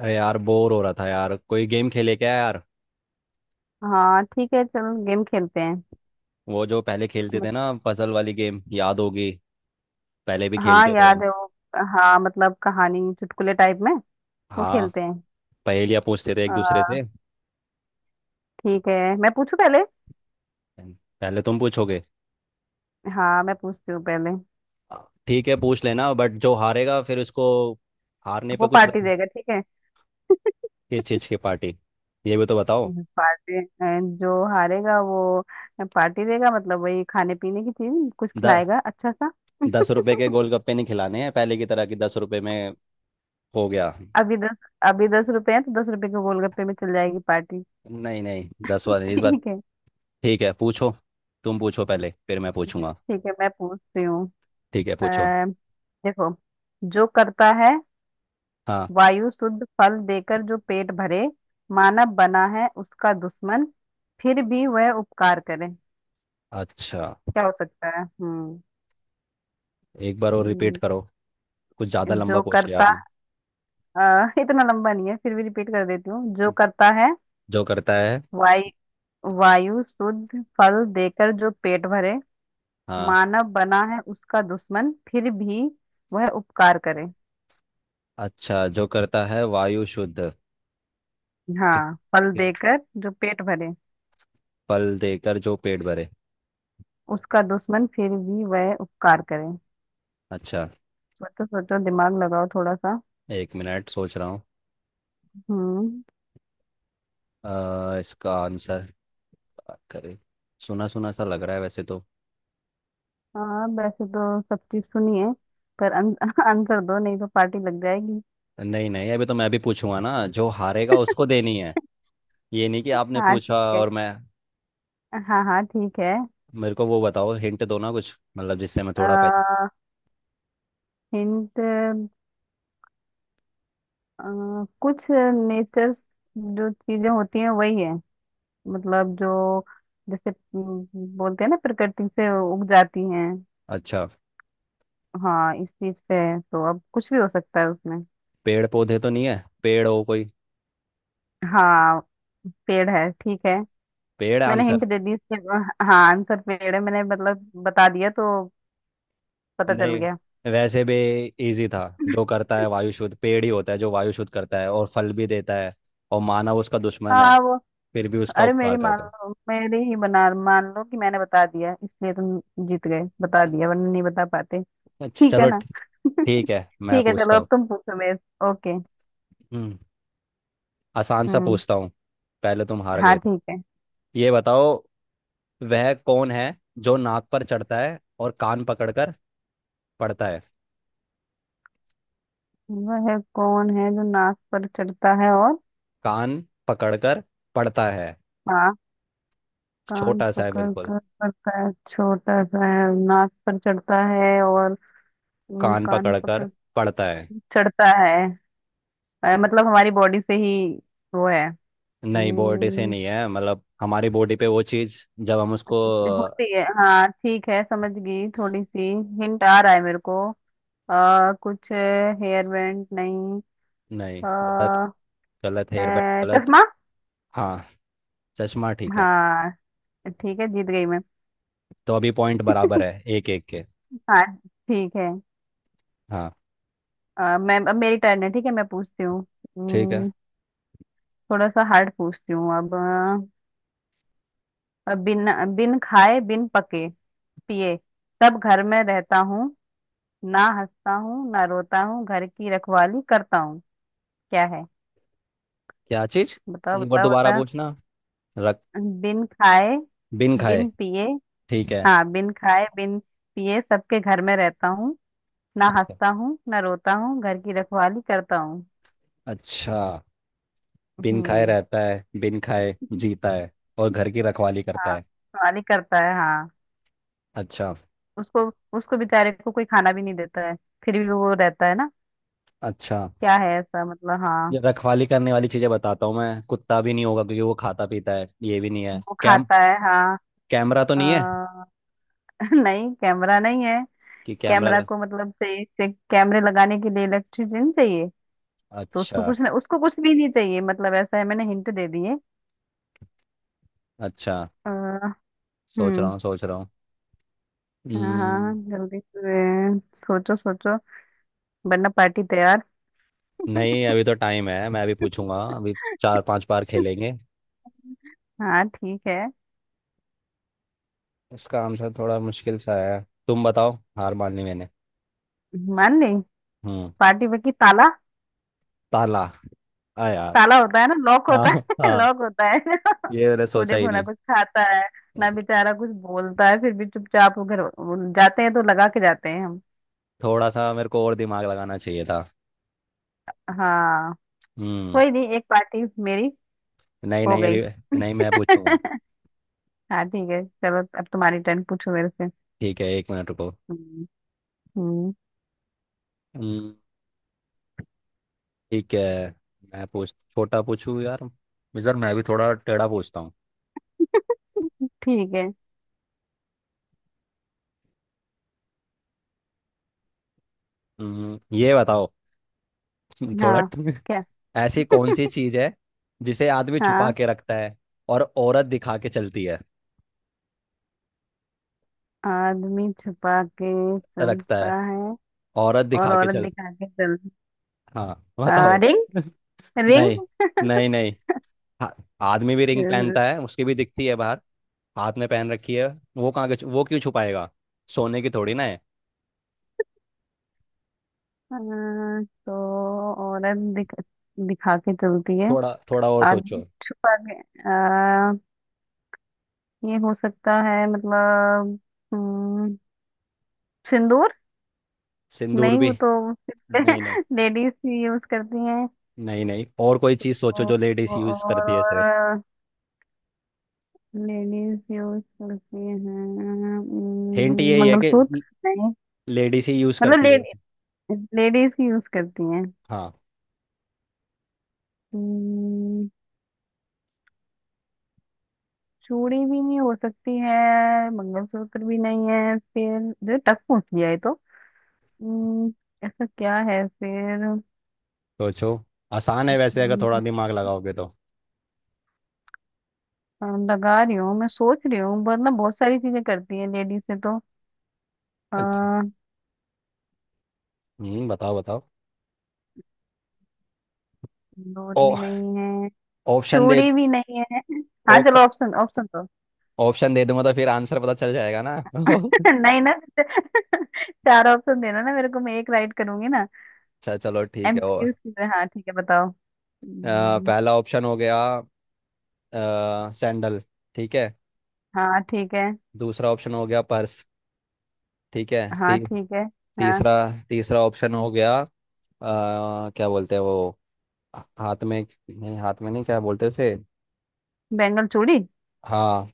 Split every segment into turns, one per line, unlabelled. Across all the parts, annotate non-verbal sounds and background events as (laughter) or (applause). अरे यार बोर हो रहा था यार कोई गेम खेले क्या यार।
हाँ, ठीक है। चल, गेम खेलते हैं।
वो जो पहले खेलते थे
मत-
ना पजल वाली गेम याद होगी। पहले भी
हाँ,
खेलते थे
याद
हम।
है वो। हाँ, मतलब कहानी चुटकुले टाइप में वो
हाँ।
खेलते हैं।
पहेलियाँ पूछते थे एक दूसरे
आ,
से।
ठीक है, मैं पूछू पहले।
पहले तुम पूछोगे।
हाँ, मैं पूछती हूँ पहले।
ठीक है पूछ लेना बट जो हारेगा फिर उसको हारने पे
वो
कुछ
पार्टी
रख।
देगा, ठीक है।
किस चीज़ की पार्टी ये भी तो बताओ।
पार्टी, जो हारेगा वो पार्टी देगा, मतलब वही खाने पीने की चीज कुछ
द,
खिलाएगा अच्छा सा।
दस
(laughs)
रुपए के गोलगप्पे नहीं खिलाने हैं पहले की तरह कि 10 रुपए में हो गया।
अभी दस अभी 10 रुपए हैं, तो 10 रुपए के गोलगप्पे में चल जाएगी पार्टी।
नहीं नहीं दस
(laughs)
वाले इस बार।
ठीक है।
ठीक है पूछो। तुम पूछो पहले फिर मैं पूछूंगा।
ठीक है, मैं पूछती हूँ।
ठीक है
अ,
पूछो।
देखो, जो करता है
हाँ।
वायु शुद्ध, फल देकर जो पेट भरे, मानव बना है उसका दुश्मन, फिर भी वह उपकार करे।
अच्छा।
क्या हो सकता है?
एक बार और रिपीट
हम्म,
करो। कुछ ज्यादा लंबा
जो
पूछ लिया
करता
आपने।
अ, इतना लंबा नहीं है, फिर भी रिपीट कर देती हूँ। जो करता है
जो करता है।
वायु वायु शुद्ध, फल देकर जो पेट भरे,
हाँ।
मानव बना है उसका दुश्मन, फिर भी वह उपकार करे।
अच्छा जो करता है वायु शुद्ध फि-
हाँ, फल
फि-
देकर जो पेट भरे,
फल देकर जो पेट भरे।
उसका दुश्मन, फिर भी वह उपकार करे।
अच्छा।
सोचो, सोचो, दिमाग लगाओ थोड़ा सा।
एक मिनट सोच रहा हूँ।
हम्म।
इसका आंसर करे सुना सुना सा लग रहा है वैसे तो।
हाँ, वैसे तो सब चीज सुनी है, पर (laughs) आंसर दो, नहीं तो पार्टी लग जाएगी।
नहीं नहीं अभी तो मैं भी पूछूंगा ना जो हारेगा उसको देनी है। ये नहीं कि आपने
हाँ,
पूछा
ठीक है।
और मैं।
हाँ, हाँ, ठीक है।
मेरे को वो बताओ हिंट दो ना कुछ मतलब जिससे मैं थोड़ा पहचान।
आ, हिंट, कुछ नेचर, जो चीजें होती हैं वही है, मतलब जो जैसे बोलते हैं ना, प्रकृति से उग जाती हैं।
अच्छा।
हाँ, इस चीज पे है, तो अब कुछ भी हो सकता है उसमें।
पेड़ पौधे तो नहीं है पेड़ हो कोई।
हाँ, पेड़ है, ठीक है।
पेड़
मैंने
आंसर।
हिंट दे दी इसके। हाँ, आंसर पेड़ है, मैंने मतलब बता दिया तो पता चल
नहीं
गया।
वैसे भी इजी था। जो करता है वायु शुद्ध पेड़ ही होता है जो वायु शुद्ध करता है और फल भी देता है और मानव उसका दुश्मन है
हाँ, वो।
फिर भी उसका
अरे, मेरी
उपकार
मान
करता है।
लो, मेरी ही बना मान लो कि मैंने बता दिया, इसलिए तुम जीत गए, बता दिया, वरना नहीं बता पाते।
अच्छा
ठीक है
चलो
ना।
ठीक है मैं
ठीक है, चलो
पूछता
अब
हूँ।
तुम पूछो मेरे। ओके।
हम्म, आसान सा
हम्म
पूछता हूँ। पहले तुम हार
हाँ,
गए थे।
ठीक है।
ये बताओ वह कौन है जो नाक पर चढ़ता है और कान पकड़कर पढ़ता है।
वह है, कौन है जो नाक पर चढ़ता है और।
कान पकड़कर पढ़ता है
हाँ, कान
छोटा सा है
पकड़
बिल्कुल।
कर करता है, छोटा सा है, नाक पर चढ़ता है और।
कान
कान
पकड़कर
पकड़,
पढ़ता है।
चढ़ता है। मतलब हमारी बॉडी से ही वो है।
नहीं बॉडी से
हम्म,
नहीं है मतलब हमारी बॉडी पे वो चीज जब हम उसको।
होती है। हाँ, ठीक है, समझ गई थोड़ी सी। हिंट आ रहा है मेरे को। कुछ हेयर बैंड नहीं?
नहीं गलत
अ,
गलत हेयर बैंड गलत।
चश्मा।
हाँ चश्मा ठीक है।
हाँ, ठीक है, जीत गई मैं।
तो अभी पॉइंट बराबर है एक एक के।
हाँ, ठीक है।
हाँ
मैं, अब मेरी टर्न है, ठीक है मैं पूछती हूँ।
ठीक है।
हम्म, थोड़ा सा हार्ड पूछती हूँ अब। बिन बिन खाए, बिन पके पिए, सब घर में रहता हूँ, ना हंसता हूँ ना रोता हूँ, घर की रखवाली करता हूँ। क्या है?
क्या चीज।
बताओ,
एक बार
बताओ,
दोबारा
बताओ।
पूछना रख।
बिन खाए,
बिन खाए।
बिन पिए।
ठीक है।
हाँ, बिन खाए बिन पिए, सबके घर में रहता हूँ, ना
अच्छा
हंसता हूँ ना रोता हूँ, घर की रखवाली करता हूँ।
अच्छा। बिन खाए
हम्म।
रहता है बिन खाए जीता है और घर की रखवाली करता
हाँ,
है।
रखवाली करता है, हाँ।
अच्छा
उसको उसको बेचारे को कोई खाना भी नहीं देता है, फिर भी वो रहता है ना।
अच्छा।
क्या है ऐसा, मतलब, हाँ।
ये रखवाली करने वाली चीजें बताता हूँ मैं कुत्ता भी नहीं होगा क्योंकि वो खाता पीता है ये भी नहीं है
वो खाता है, हाँ।
कैमरा तो नहीं है।
अ, (laughs) नहीं, कैमरा नहीं है।
कि कैमरा
कैमरा
लग।
को मतलब से कैमरे लगाने के लिए इलेक्ट्रिसिटी चाहिए। तो
अच्छा
उसको कुछ नहीं, उसको कुछ भी नहीं चाहिए, मतलब ऐसा है, मैंने हिंट दे दी है।
अच्छा।
अ,
सोच रहा
हम्म
हूँ सोच रहा हूँ।
हाँ, हाँ
हम्म,
जल्दी से, सोचो, सोचो, वरना पार्टी तैयार।
नहीं
(laughs)
अभी तो टाइम है मैं अभी पूछूंगा अभी 4 5 बार खेलेंगे।
हाँ, ठीक है,
इसका आंसर थोड़ा मुश्किल सा है। तुम बताओ हार मान ली मैंने।
मान ली।
हम्म।
पार्टी में की, ताला।
ताला आ यार।
ताला होता है ना, लॉक
हाँ
होता है। (laughs)
हाँ।
लॉक होता है।
ये मैंने
(laughs) वो
सोचा ही
देखो ना,
नहीं।
कुछ खाता है ना बेचारा, कुछ बोलता है, फिर भी चुपचाप, वो घर वो जाते हैं तो लगा के जाते हैं हम।
थोड़ा सा मेरे को और दिमाग लगाना चाहिए था।
हाँ,
हम्म।
कोई नहीं, एक पार्टी मेरी
नहीं
हो
नहीं
गई।
अभी। नहीं मैं
(laughs)
पूछूंगा।
हाँ, ठीक है, चलो अब तुम्हारी टर्न, पूछो मेरे से।
ठीक है एक मिनट रुको।
हम्म, हम्म।
हम्म, ठीक है मैं पूछ छोटा पूछूं यार। इस बार मैं भी थोड़ा टेढ़ा पूछता हूँ।
(laughs) ठीक है।
ये बताओ (laughs) थोड़ा
हाँ,
(laughs)
क्या?
ऐसी कौन सी चीज है जिसे आदमी छुपा
हाँ।
के रखता है और औरत दिखा के चलती है।
आदमी छुपा के
रखता है
चलता है,
औरत
और
दिखा के
औरत
चल।
दिखा के चलती।
हाँ बताओ।
रिंग।
(laughs)
रिंग।
नहीं नहीं नहीं। हाँ, आदमी भी रिंग पहनता है उसकी भी दिखती है बाहर हाथ में पहन रखी है। वो कहाँ के छु- वो क्यों छुपाएगा। सोने की थोड़ी ना है।
तो औरत दिखा के चलती है,
थोड़ा थोड़ा और
आदमी
सोचो।
छुपा के। आ, ये हो सकता है मतलब। हम्म, सिंदूर।
सिंदूर
नहीं,
भी
वो तो
नहीं नहीं।
(laughs) लेडीज ही यूज करती हैं।
नहीं नहीं। और कोई चीज सोचो जो लेडीज यूज
और
करती है सिर्फ।
और लेडीज यूज करती हैं।
हिंट यही है कि
मंगलसूत्र। नहीं,
लेडीज ही यूज
मतलब
करती है वो चीज़।
लेडीज ही यूज करती हैं।
हाँ
हम्म, चूड़ी भी नहीं हो सकती है, मंगलसूत्र भी नहीं है फिर, जो टक पूछ लिया है तो। हम्म, ऐसा क्या है फिर?
सोचो। आसान है वैसे अगर थोड़ा
हम्म,
दिमाग लगाओगे तो।
हाँ, लगा रही हूँ, मैं सोच रही हूँ, वरना बहुत सारी चीजें करती है लेडीज से तो।
अच्छा।
आ,
बताओ बताओ।
दूध
ओ।
भी नहीं है,
ऑप्शन दे।
चूड़ी भी नहीं है। हाँ, चलो
ऑप्शन
ऑप्शन, ऑप्शन तो।
ऑप्शन दे दूंगा तो फिर आंसर पता चल जाएगा ना (laughs) अच्छा।
(laughs) नहीं ना, चार ऑप्शन देना ना मेरे को, मैं एक राइट करूंगी ना,
चलो ठीक है और।
MCQs की तरह। हाँ, ठीक है, बताओ।
पहला ऑप्शन हो गया सैंडल। ठीक है।
हाँ, ठीक है।
दूसरा ऑप्शन हो गया पर्स। ठीक है।
हाँ,
ती,
ठीक है। हाँ,
तीसरा। तीसरा ऑप्शन हो गया क्या बोलते हैं वो हाथ में। नहीं हाथ में नहीं क्या बोलते हैं उसे।
बेंगल चूड़ी।
हाँ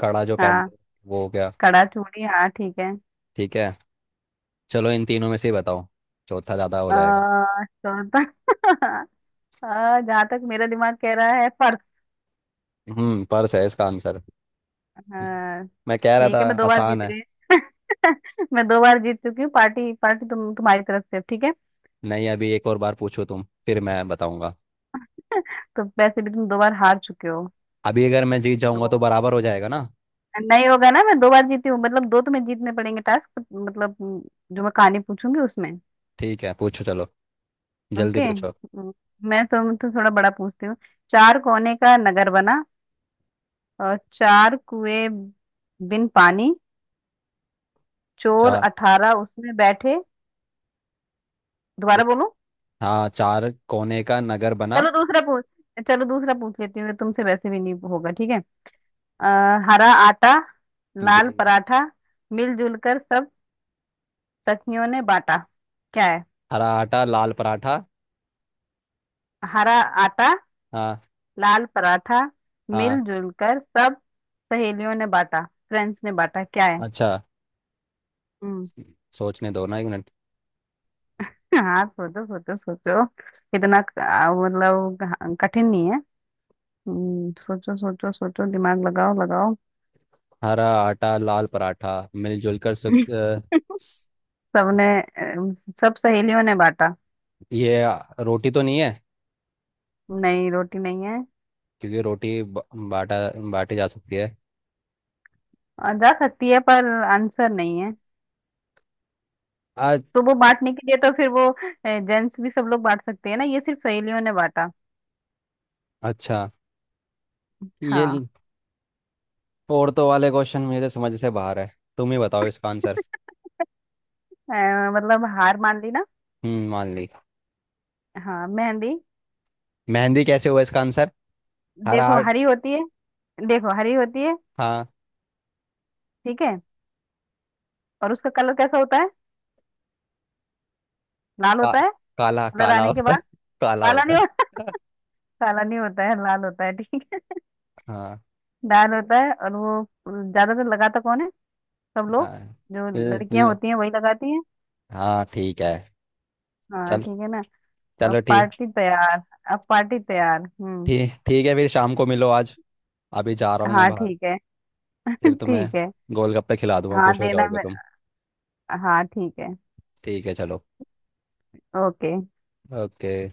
कड़ा जो पहनते
हाँ,
हैं, वो हो गया।
कड़ा चूड़ी, हाँ ठीक है।
ठीक है चलो इन तीनों में से ही बताओ। चौथा ज़्यादा हो जाएगा।
चौथा। (laughs) जहाँ तक मेरा दिमाग कह रहा है, पर्स।
पर्स है इसका आंसर।
हाँ,
मैं कह रहा
ठीक
था
है, मैं 2 बार
आसान
जीत
है।
गई। (laughs) मैं 2 बार जीत चुकी हूँ, पार्टी, पार्टी तुम्हारी तरफ से, ठीक है।
नहीं अभी एक और बार पूछो तुम फिर मैं बताऊंगा।
(laughs) तो वैसे भी तुम 2 बार हार चुके हो।
अभी अगर मैं जीत जाऊंगा
तो
तो बराबर हो जाएगा ना।
नहीं होगा ना, मैं 2 बार जीती हूँ मतलब दो तुम्हें जीतने पड़ेंगे, टास्क मतलब, जो मैं कहानी पूछूंगी उसमें।
ठीक है पूछो चलो
ओके।
जल्दी पूछो।
मैं तुम तो थोड़ा बड़ा पूछती हूँ। चार कोने का नगर बना, और चार कुएं बिन पानी, चोर
चार।
18 उसमें बैठे। दोबारा बोलूं?
हाँ चार कोने का नगर बना।
चलो दूसरा पूछ चलो दूसरा पूछ लेती हूँ तुमसे, वैसे भी नहीं होगा, ठीक है। हरा आटा, लाल
बे-
पराठा, मिलजुल कर सब सखियों ने बांटा। क्या है?
हरा आटा लाल पराठा।
हरा आटा,
हाँ
लाल पराठा,
हाँ।
मिलजुल कर सब सहेलियों ने बांटा, फ्रेंड्स ने बांटा। क्या है?
अच्छा सोचने दो ना एक मिनट।
हाँ, सोचो, सोचो, सोचो। इतना मतलब कठिन नहीं है। सोचो, सोचो, सोचो, दिमाग लगाओ, लगाओ।
हरा आटा लाल पराठा मिलजुल कर
(laughs)
स-
सबने, अम, सब सहेलियों ने बांटा।
ये रोटी तो नहीं है
नहीं, रोटी नहीं है।
क्योंकि रोटी बाटा बाटी जा सकती है
जा सकती है, पर आंसर नहीं है।
आज।
तो वो बांटने के लिए तो, फिर वो जेंट्स भी सब लोग बांट सकते हैं ना, ये सिर्फ सहेलियों ने बांटा।
अच्छा ये
हाँ।
औरतों वाले क्वेश्चन मेरे समझ से बाहर है। तुम ही बताओ इसका आंसर।
मतलब हार मान ली ना?
मान ली।
हाँ, मेहंदी।
मेहंदी कैसे हुआ इसका आंसर हरा
देखो,
आर्ट।
हरी होती है। देखो, हरी होती है।
हाँ
ठीक है, और उसका कलर कैसा होता है? लाल
का,
होता है।
काला
कलर
काला
आने के
होता है
बाद,
(laughs) काला
काला
होता
नहीं होता।
है (laughs)
काला नहीं होता है, लाल होता है, ठीक है।
हाँ
लाल होता है, और वो ज्यादातर लगाता कौन है? सब लोग,
हाँ
जो
ल-
लड़कियां
ल-
होती हैं वही लगाती हैं।
हाँ ठीक है
हाँ,
चल
ठीक है ना। अब
चलो ठीक
पार्टी तैयार, अब पार्टी तैयार। हम्म।
ठीक। ठीक है फिर शाम को मिलो आज। अभी जा रहा हूँ मैं
हाँ,
बाहर।
ठीक है। (laughs)
फिर तुम्हें
ठीक है।
गोलगप्पे खिला दूंगा
हाँ,
खुश हो
देना
जाओगे तुम।
मेरा। हाँ, ठीक है।
ठीक है चलो।
ओके।
ओके।